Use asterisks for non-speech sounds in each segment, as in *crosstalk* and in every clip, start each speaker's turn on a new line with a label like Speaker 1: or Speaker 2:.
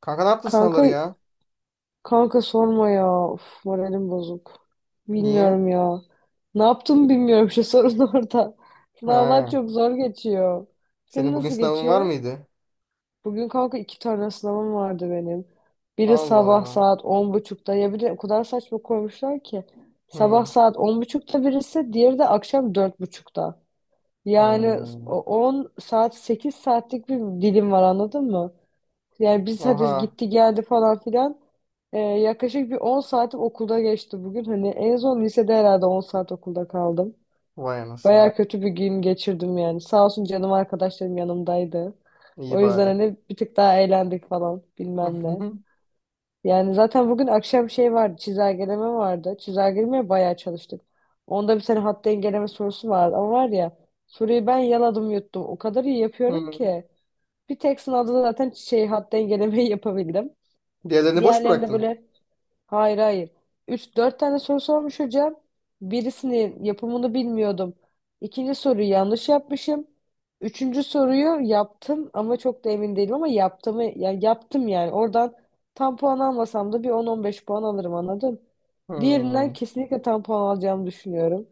Speaker 1: Kanka ne yaptın
Speaker 2: Kanka
Speaker 1: sınavları ya?
Speaker 2: kanka sorma ya. Of, moralim bozuk.
Speaker 1: Niye?
Speaker 2: Bilmiyorum ya. Ne yaptım bilmiyorum şu *laughs* sorun orada. Sınavlar
Speaker 1: He.
Speaker 2: çok zor geçiyor. Senin
Speaker 1: Senin bugün
Speaker 2: nasıl
Speaker 1: sınavın var
Speaker 2: geçiyor?
Speaker 1: mıydı?
Speaker 2: Bugün kanka iki tane sınavım vardı benim. Biri
Speaker 1: Allah
Speaker 2: sabah
Speaker 1: Allah.
Speaker 2: saat 10.30'da. Ya bir de o kadar saçma koymuşlar ki. Sabah
Speaker 1: Hı.
Speaker 2: saat on buçukta birisi, diğeri de akşam 4.30'da. Yani
Speaker 1: Hı.
Speaker 2: 10 saat 8 saatlik bir dilim var anladın mı? Yani biz hadi
Speaker 1: Oha.
Speaker 2: gitti geldi falan filan. Yaklaşık bir 10 saatim okulda geçti bugün. Hani en son lisede herhalde 10 saat okulda kaldım.
Speaker 1: Vay anasını.
Speaker 2: Baya kötü bir gün geçirdim yani. Sağ olsun canım arkadaşlarım yanımdaydı.
Speaker 1: İyi
Speaker 2: O yüzden
Speaker 1: bari.
Speaker 2: hani bir tık daha eğlendik falan bilmem ne.
Speaker 1: *laughs*
Speaker 2: Yani zaten bugün akşam şey vardı, çizelgeleme vardı. Çizelgelemeye bayağı çalıştık. Onda bir tane hat dengeleme sorusu vardı ama var ya, soruyu ben yaladım yuttum. O kadar iyi yapıyorum
Speaker 1: Hı.
Speaker 2: ki. Bir tek sınavda da zaten şey hat dengelemeyi *laughs* yapabildim.
Speaker 1: Diğerlerini boş
Speaker 2: Diğerleri de
Speaker 1: bıraktın.
Speaker 2: böyle hayır hayır. Üç dört tane soru sormuş hocam. Birisinin yapımını bilmiyordum. İkinci soruyu yanlış yapmışım. Üçüncü soruyu yaptım ama çok da emin değilim ama yaptım, ya yaptım yani. Oradan tam puan almasam da bir on 15 puan alırım anladın? Diğerinden
Speaker 1: Hı.
Speaker 2: kesinlikle tam puan alacağımı düşünüyorum.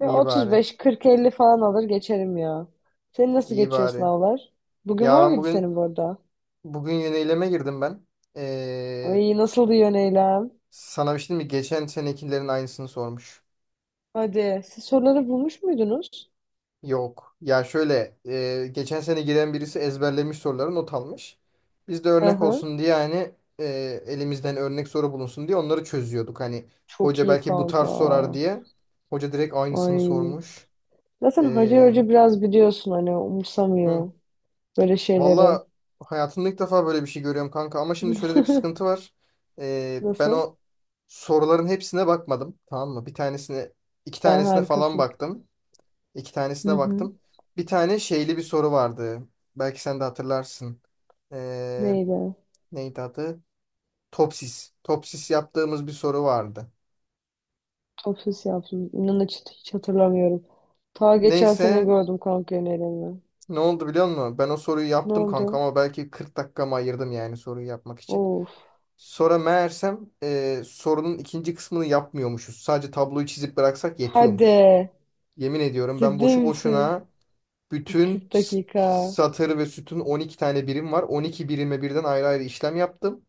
Speaker 2: Ve
Speaker 1: İyi bari.
Speaker 2: 35-40-50 falan alır geçerim ya. Senin nasıl
Speaker 1: İyi
Speaker 2: geçiyor
Speaker 1: bari.
Speaker 2: sınavlar? Bugün
Speaker 1: Ya
Speaker 2: var
Speaker 1: ben
Speaker 2: mıydı
Speaker 1: bugün
Speaker 2: senin bu arada?
Speaker 1: bugün yöneyleme girdim ben. Ee,
Speaker 2: Ay, nasıldı yöneylem?
Speaker 1: Sana bir şey diyeyim mi? Geçen senekilerin aynısını sormuş.
Speaker 2: Hadi. Siz soruları bulmuş muydunuz?
Speaker 1: Yok. Ya şöyle geçen sene giren birisi ezberlemiş, soruları not almış. Biz de örnek
Speaker 2: Aha.
Speaker 1: olsun diye, hani elimizden örnek soru bulunsun diye onları çözüyorduk. Hani
Speaker 2: Çok
Speaker 1: hoca
Speaker 2: iyi
Speaker 1: belki bu
Speaker 2: kanka.
Speaker 1: tarz sorar diye. Hoca direkt aynısını
Speaker 2: Ay.
Speaker 1: sormuş.
Speaker 2: Zaten Hacı
Speaker 1: E,
Speaker 2: Hoca biraz biliyorsun hani
Speaker 1: hı.
Speaker 2: umursamıyor böyle şeyleri.
Speaker 1: Valla hayatımda ilk defa böyle bir şey görüyorum kanka. Ama şimdi şöyle de bir
Speaker 2: *laughs*
Speaker 1: sıkıntı var. Ben
Speaker 2: Nasıl?
Speaker 1: o soruların hepsine bakmadım. Tamam mı? Bir tanesine, iki
Speaker 2: Sen
Speaker 1: tanesine falan
Speaker 2: harikasın.
Speaker 1: baktım. İki
Speaker 2: Hı
Speaker 1: tanesine
Speaker 2: hı.
Speaker 1: baktım. Bir tane şeyli bir soru vardı. Belki sen de hatırlarsın. Ee,
Speaker 2: Neydi?
Speaker 1: Neydi adı? Topsis. Topsis yaptığımız bir soru vardı.
Speaker 2: Ofis yaptım. İnan hiç hatırlamıyorum. Ta geçen sene
Speaker 1: Neyse,
Speaker 2: gördüm kanka önerimi.
Speaker 1: ne oldu biliyor musun? Ben o soruyu
Speaker 2: Ne
Speaker 1: yaptım kanka
Speaker 2: oldu?
Speaker 1: ama belki 40 dakikamı ayırdım yani soruyu yapmak için.
Speaker 2: Of.
Speaker 1: Sonra meğersem sorunun ikinci kısmını yapmıyormuşuz. Sadece tabloyu çizip bıraksak yetiyormuş.
Speaker 2: Hadi.
Speaker 1: Yemin ediyorum, ben
Speaker 2: Ciddi
Speaker 1: boşu
Speaker 2: misin?
Speaker 1: boşuna bütün
Speaker 2: 40 dakika.
Speaker 1: satır ve sütun 12 tane birim var. 12 birime birden ayrı ayrı işlem yaptım.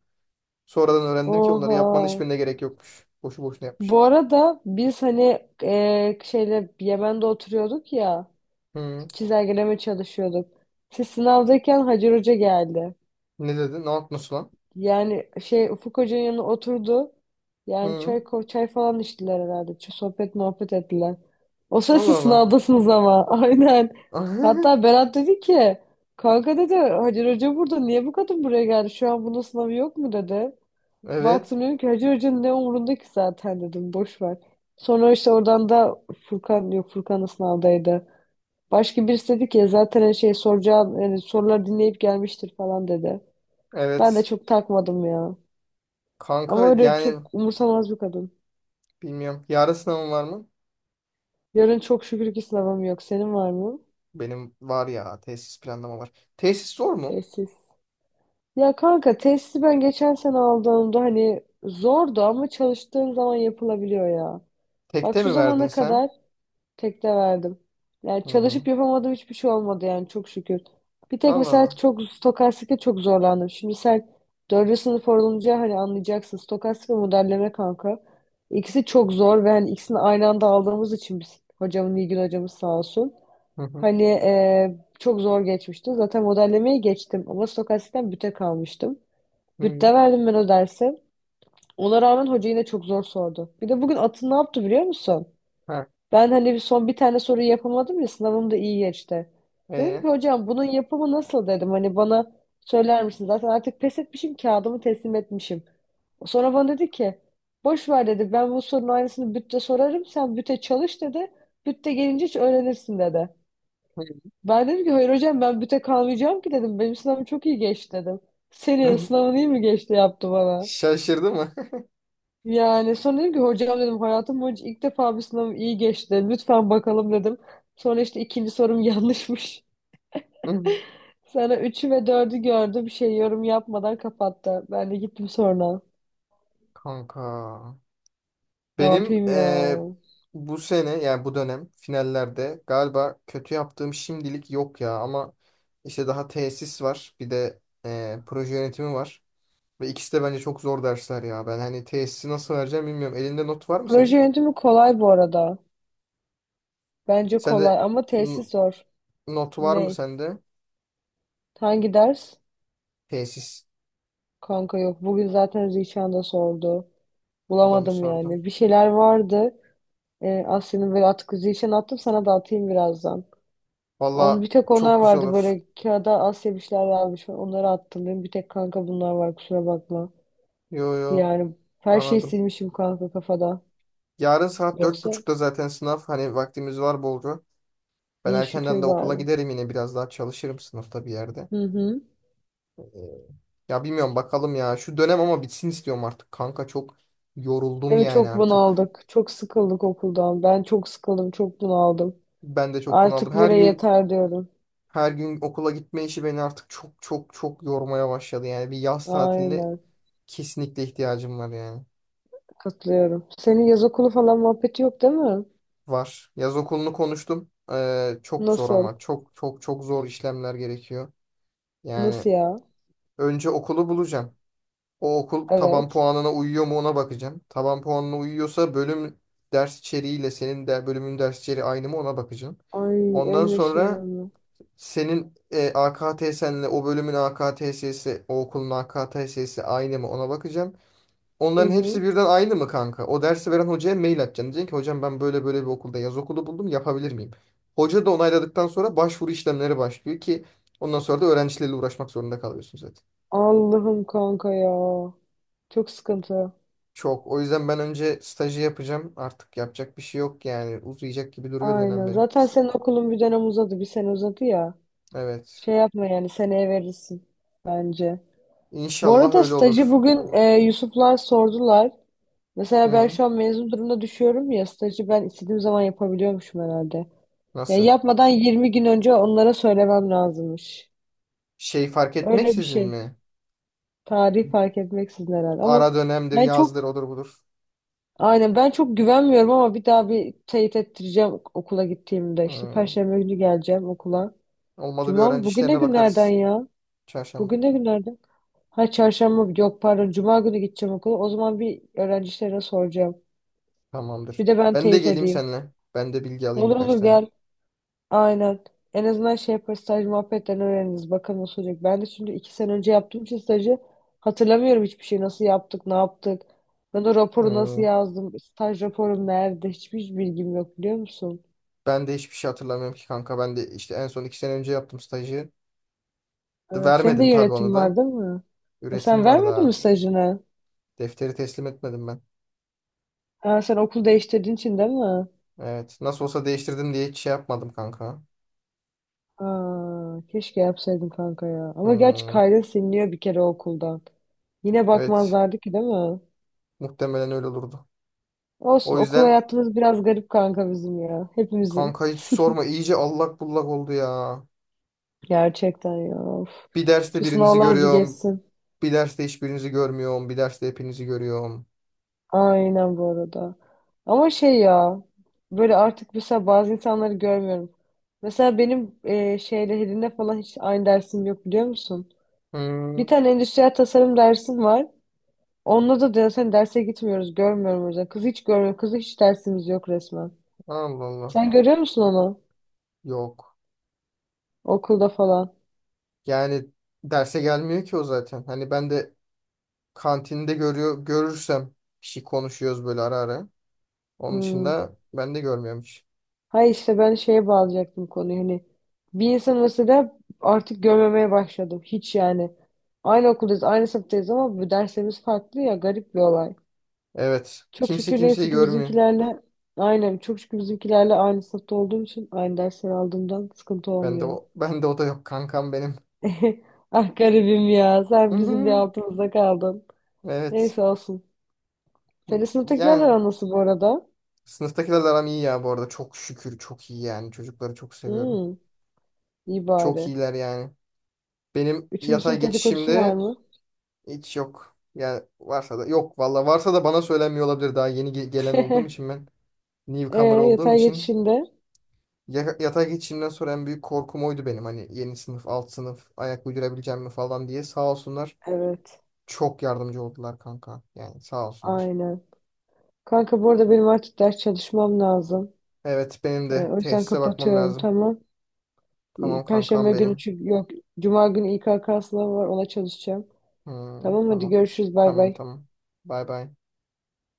Speaker 1: Sonradan öğrendim ki onları yapmanın
Speaker 2: Oha.
Speaker 1: hiçbirine gerek yokmuş. Boşu boşuna yapmış.
Speaker 2: Bu arada biz hani şeyle Yemen'de oturuyorduk ya,
Speaker 1: Hı.
Speaker 2: çizelgeleme çalışıyorduk. Siz sınavdayken Hacer Hoca geldi.
Speaker 1: Ne dedi? Nasıl lan?
Speaker 2: Yani şey Ufuk Hoca'nın yanına oturdu. Yani çay,
Speaker 1: Hı.
Speaker 2: çay falan içtiler herhalde. Sohbet muhabbet ettiler. O sırada
Speaker 1: Allah
Speaker 2: siz
Speaker 1: Allah.
Speaker 2: sınavdasınız ama. *laughs* Aynen. Hatta
Speaker 1: *laughs*
Speaker 2: Berat dedi ki, kanka dedi, Hacer Hoca burada, niye bu kadın buraya geldi? Şu an bunun sınavı yok mu dedi.
Speaker 1: Evet.
Speaker 2: Baktım dedim ki Hacı Hoca'nın ne umurunda ki, zaten dedim boş ver. Sonra işte oradan da Furkan, yok Furkan da sınavdaydı. Başka birisi dedi ki "Ya zaten her şey soracağın yani soruları dinleyip gelmiştir falan" dedi. Ben de
Speaker 1: Evet.
Speaker 2: çok takmadım ya.
Speaker 1: Kanka
Speaker 2: Ama öyle
Speaker 1: yani
Speaker 2: çok umursamaz bir kadın.
Speaker 1: bilmiyorum. Yarın sınavım var mı?
Speaker 2: Yarın çok şükür ki sınavım yok. Senin var mı?
Speaker 1: Benim var ya. Tesis planlama var. Tesis zor mu?
Speaker 2: Tesis. Ya kanka tesisi ben geçen sene aldığımda hani zordu ama çalıştığın zaman yapılabiliyor ya. Bak
Speaker 1: Tekte
Speaker 2: şu
Speaker 1: mi verdin
Speaker 2: zamana
Speaker 1: sen?
Speaker 2: kadar, tek de verdim. Yani
Speaker 1: Hı.
Speaker 2: çalışıp yapamadığım hiçbir şey olmadı yani çok şükür. Bir tek
Speaker 1: Allah
Speaker 2: mesela
Speaker 1: Allah.
Speaker 2: çok stokastikte çok zorlandım. Şimdi sen dördüncü sınıf olunca hani anlayacaksın. Stokastik ve modelleme kanka. İkisi çok zor ve hani ikisini aynı anda aldığımız için biz hocamın, Nilgün hocamız sağ olsun.
Speaker 1: Hı hı.
Speaker 2: Hani çok zor geçmişti. Zaten modellemeyi geçtim ama stokastikten büte kalmıştım.
Speaker 1: Hı.
Speaker 2: Bütte verdim ben o dersi. Ona rağmen hoca yine çok zor sordu. Bir de bugün atın ne yaptı biliyor musun?
Speaker 1: Ha.
Speaker 2: Ben hani bir tane soruyu yapamadım ya, sınavım da iyi geçti. Dedim
Speaker 1: E.
Speaker 2: ki hocam bunun yapımı nasıl dedim. Hani bana söyler misin? Zaten artık pes etmişim, kağıdımı teslim etmişim. Sonra bana dedi ki boş ver dedi, ben bu sorunun aynısını bütte sorarım, sen büte çalış dedi. Bütte gelince hiç öğrenirsin dedi.
Speaker 1: Hı.
Speaker 2: Ben dedim ki hayır hocam ben büte kalmayacağım ki dedim. Benim sınavım çok iyi geçti dedim. Senin
Speaker 1: *laughs*
Speaker 2: sınavın iyi mi geçti yaptı bana.
Speaker 1: Şaşırdı mı?
Speaker 2: Yani sonra dedim ki hocam dedim hayatım boyunca ilk defa bir sınavım iyi geçti. Lütfen bakalım dedim. Sonra işte ikinci sorum *laughs* yanlışmış.
Speaker 1: *laughs* Hı.
Speaker 2: Sana üçü ve dördü gördü. Bir şey yorum yapmadan kapattı. Ben de gittim sonra.
Speaker 1: Kanka.
Speaker 2: Ne
Speaker 1: Benim
Speaker 2: yapayım ya?
Speaker 1: bu sene yani bu dönem finallerde galiba kötü yaptığım şimdilik yok ya, ama işte daha tesis var, bir de proje yönetimi var ve ikisi de bence çok zor dersler ya. Ben hani tesisi nasıl vereceğim bilmiyorum, elinde not var mı
Speaker 2: Proje
Speaker 1: senin?
Speaker 2: yönetimi kolay bu arada. Bence
Speaker 1: Sende
Speaker 2: kolay ama tesis
Speaker 1: n-
Speaker 2: zor.
Speaker 1: Not var mı
Speaker 2: Ne?
Speaker 1: sende?
Speaker 2: Hangi ders?
Speaker 1: Tesis
Speaker 2: Kanka yok. Bugün zaten Zişan da sordu.
Speaker 1: adamı
Speaker 2: Bulamadım
Speaker 1: sordu.
Speaker 2: yani. Bir şeyler vardı. Asya'nın böyle atık Zişan attım, sana da atayım birazdan. Onu
Speaker 1: Valla
Speaker 2: bir tek onlar
Speaker 1: çok güzel
Speaker 2: vardı
Speaker 1: olur.
Speaker 2: böyle, kağıda Asya bir şeyler yazmış. Onları attım. Benim bir tek kanka bunlar var, kusura bakma.
Speaker 1: Yo yo,
Speaker 2: Yani her şeyi
Speaker 1: anladım.
Speaker 2: silmişim kanka kafada.
Speaker 1: Yarın saat dört
Speaker 2: Yoksa
Speaker 1: buçukta zaten sınav, hani vaktimiz var bolca. Ben
Speaker 2: iyi
Speaker 1: erkenden de
Speaker 2: şükür
Speaker 1: okula
Speaker 2: bari.
Speaker 1: giderim, yine biraz daha çalışırım sınıfta bir yerde.
Speaker 2: Hı hı.
Speaker 1: Ee, Ya bilmiyorum, bakalım ya. Şu dönem ama bitsin istiyorum artık kanka. Çok yoruldum
Speaker 2: Değil mi?
Speaker 1: yani
Speaker 2: Çok
Speaker 1: artık.
Speaker 2: bunaldık. Çok sıkıldık okuldan. Ben çok sıkıldım. Çok bunaldım.
Speaker 1: Ben de çok bunaldım.
Speaker 2: Artık
Speaker 1: Her
Speaker 2: böyle
Speaker 1: gün
Speaker 2: yeter diyorum.
Speaker 1: her gün okula gitme işi beni artık çok çok çok yormaya başladı. Yani bir yaz tatiline
Speaker 2: Aynen.
Speaker 1: kesinlikle ihtiyacım var yani.
Speaker 2: Katılıyorum. Senin yaz okulu falan muhabbeti yok değil mi?
Speaker 1: Var. Yaz okulunu konuştum. Çok zor,
Speaker 2: Nasıl?
Speaker 1: ama çok çok çok zor işlemler gerekiyor. Yani
Speaker 2: Nasıl ya?
Speaker 1: önce okulu bulacağım. O okul taban
Speaker 2: Evet.
Speaker 1: puanına uyuyor mu ona bakacağım. Taban puanına uyuyorsa bölüm ders içeriğiyle senin de bölümün ders içeriği aynı mı ona bakacağım.
Speaker 2: Ay
Speaker 1: Ondan
Speaker 2: ölmeşim
Speaker 1: sonra
Speaker 2: ölme.
Speaker 1: senin AKTS'nle o bölümün AKTS'si, o okulun AKTS'si aynı mı ona bakacağım.
Speaker 2: Hı
Speaker 1: Onların hepsi
Speaker 2: hı.
Speaker 1: birden aynı mı kanka? O dersi veren hocaya mail atacaksın. Diyeceksin ki hocam, ben böyle böyle bir okulda yaz okulu buldum, yapabilir miyim? Hoca da onayladıktan sonra başvuru işlemleri başlıyor ki ondan sonra da öğrencilerle uğraşmak zorunda kalıyorsun zaten.
Speaker 2: Allah'ım kanka ya. Çok sıkıntı.
Speaker 1: Çok. O yüzden ben önce stajı yapacağım. Artık yapacak bir şey yok yani. Uzayacak gibi duruyor dönem
Speaker 2: Aynen.
Speaker 1: benim.
Speaker 2: Zaten senin okulun bir dönem uzadı. Bir sene uzadı ya.
Speaker 1: Evet.
Speaker 2: Şey yapma yani seneye verirsin bence. Bu
Speaker 1: İnşallah
Speaker 2: arada
Speaker 1: öyle
Speaker 2: stajı
Speaker 1: olur.
Speaker 2: bugün Yusuflar sordular. Mesela ben
Speaker 1: Hı.
Speaker 2: şu an mezun durumda düşüyorum ya, stajı ben istediğim zaman yapabiliyormuşum herhalde. Ya
Speaker 1: Nasıl?
Speaker 2: yapmadan 20 gün önce onlara söylemem lazımmış.
Speaker 1: Şey, fark
Speaker 2: Öyle bir
Speaker 1: etmeksizin
Speaker 2: şey.
Speaker 1: mi?
Speaker 2: Tarih fark etmeksizin herhalde. Ama
Speaker 1: Ara dönemdir,
Speaker 2: ben çok
Speaker 1: yazdır, odur budur.
Speaker 2: Aynen ben çok güvenmiyorum ama bir daha bir teyit ettireceğim okula gittiğimde. İşte
Speaker 1: Hı.
Speaker 2: Perşembe günü geleceğim okula.
Speaker 1: Olmadı bir
Speaker 2: Cuma mı?
Speaker 1: öğrenci
Speaker 2: Bugün ne
Speaker 1: işlerine
Speaker 2: günlerden
Speaker 1: bakarız.
Speaker 2: ya?
Speaker 1: Çarşamba.
Speaker 2: Bugün ne günlerden? Ha, çarşamba yok pardon, cuma günü gideceğim okula. O zaman bir öğrencilere soracağım.
Speaker 1: Tamamdır.
Speaker 2: Bir de ben
Speaker 1: Ben de
Speaker 2: teyit
Speaker 1: geleyim
Speaker 2: edeyim.
Speaker 1: seninle. Ben de bilgi alayım
Speaker 2: Olur
Speaker 1: birkaç
Speaker 2: olur
Speaker 1: tane.
Speaker 2: gel. Aynen. En azından şey yaparız, staj muhabbetten öğreniriz. Bakalım nasıl olacak. Ben de şimdi 2 sene önce yaptığım için stajı hatırlamıyorum hiçbir şey. Nasıl yaptık, ne yaptık. Ben o raporu nasıl
Speaker 1: Hı.
Speaker 2: yazdım, staj raporum nerede, hiçbir bilgim yok biliyor musun?
Speaker 1: Ben de hiçbir şey hatırlamıyorum ki kanka. Ben de işte en son 2 sene önce yaptım stajı.
Speaker 2: Senin de
Speaker 1: Vermedim tabii onu
Speaker 2: yönetim
Speaker 1: da.
Speaker 2: var değil mi? E sen
Speaker 1: Üretim var
Speaker 2: vermedin mi
Speaker 1: daha.
Speaker 2: stajını?
Speaker 1: Defteri teslim etmedim ben.
Speaker 2: Ha, sen okul değiştirdiğin için değil mi?
Speaker 1: Evet. Nasıl olsa değiştirdim diye hiç şey yapmadım kanka.
Speaker 2: Aa, keşke yapsaydın kanka ya. Ama gerçi
Speaker 1: Hmm,
Speaker 2: kaydın siliniyor bir kere okuldan. Yine
Speaker 1: evet.
Speaker 2: bakmazlardı ki değil mi?
Speaker 1: Muhtemelen öyle olurdu.
Speaker 2: Olsun,
Speaker 1: O
Speaker 2: okul
Speaker 1: yüzden
Speaker 2: hayatımız biraz garip kanka bizim ya. Hepimizin.
Speaker 1: kanka hiç
Speaker 2: *laughs*
Speaker 1: sorma. İyice allak bullak oldu ya.
Speaker 2: Gerçekten ya. Of.
Speaker 1: Bir derste
Speaker 2: Şu
Speaker 1: birinizi
Speaker 2: sınavlar bir
Speaker 1: görüyorum.
Speaker 2: geçsin.
Speaker 1: Bir derste hiçbirinizi görmüyorum. Bir derste hepinizi görüyorum.
Speaker 2: Aynen bu arada. Ama şey ya böyle artık mesela bazı insanları görmüyorum. Mesela benim şeyle Helin'le falan hiç aynı dersim yok biliyor musun? Bir
Speaker 1: Hmm.
Speaker 2: tane endüstriyel tasarım dersim var. Onunla da zaten derse gitmiyoruz. Görmüyorum o yüzden. Kızı hiç görmüyorum. Kızı hiç dersimiz yok resmen.
Speaker 1: Allah Allah.
Speaker 2: Sen görüyor musun onu?
Speaker 1: Yok.
Speaker 2: Okulda falan.
Speaker 1: Yani derse gelmiyor ki o zaten. Hani ben de kantinde görüyor, görürsem bir şey konuşuyoruz böyle ara ara. Onun
Speaker 2: Hmm.
Speaker 1: dışında ben de görmüyorum hiç.
Speaker 2: Hayır, işte ben şeye bağlayacaktım konuyu hani bir insan mesela artık görmemeye başladım hiç yani. Aynı okuldayız, aynı sınıftayız ama bu derslerimiz farklı ya, garip bir olay.
Speaker 1: Evet.
Speaker 2: Çok
Speaker 1: Kimse
Speaker 2: şükür
Speaker 1: kimseyi
Speaker 2: neyse ki
Speaker 1: görmüyor.
Speaker 2: bizimkilerle aynen çok şükür bizimkilerle aynı sınıfta olduğum için aynı dersleri aldığımdan sıkıntı olmuyor.
Speaker 1: Ben de o da yok kankam benim.
Speaker 2: *laughs* Ah, garibim ya
Speaker 1: Hı
Speaker 2: sen bizim bir
Speaker 1: hı.
Speaker 2: altımızda kaldın.
Speaker 1: Evet.
Speaker 2: Neyse, olsun. Senin sınıftakilerle
Speaker 1: Yani
Speaker 2: aran nasıl bu arada?
Speaker 1: sınıftakilerle aram iyi ya bu arada. Çok şükür çok iyi yani. Çocukları çok seviyorum.
Speaker 2: Hmm, iyi
Speaker 1: Çok
Speaker 2: bari.
Speaker 1: iyiler yani. Benim
Speaker 2: Üçüncü
Speaker 1: yatay
Speaker 2: sınıf dedikodusu var
Speaker 1: geçişimde
Speaker 2: mı?
Speaker 1: hiç yok. Yani varsa da yok valla. Varsa da bana söylenmiyor olabilir. Daha yeni gelen olduğum için,
Speaker 2: *laughs*
Speaker 1: ben
Speaker 2: E,
Speaker 1: newcomer olduğum
Speaker 2: yatay
Speaker 1: için
Speaker 2: geçişinde.
Speaker 1: yatay geçişimden sonra en büyük korkum oydu benim. Hani yeni sınıf, alt sınıf, ayak uydurabileceğim mi falan diye. Sağ olsunlar.
Speaker 2: Evet,
Speaker 1: Çok yardımcı oldular kanka. Yani sağ olsunlar.
Speaker 2: aynen. Kanka bu arada benim artık ders çalışmam lazım.
Speaker 1: Evet, benim
Speaker 2: Ee,
Speaker 1: de
Speaker 2: o yüzden
Speaker 1: tesise bakmam
Speaker 2: kapatıyorum,
Speaker 1: lazım.
Speaker 2: tamam.
Speaker 1: Tamam kankam
Speaker 2: Perşembe günü
Speaker 1: benim.
Speaker 2: çünkü yok. Cuma günü İKK sınavı var, ona çalışacağım.
Speaker 1: Hmm,
Speaker 2: Tamam, hadi
Speaker 1: tamam.
Speaker 2: görüşürüz, bay
Speaker 1: Tamam
Speaker 2: bay.
Speaker 1: tamam. Bay bay.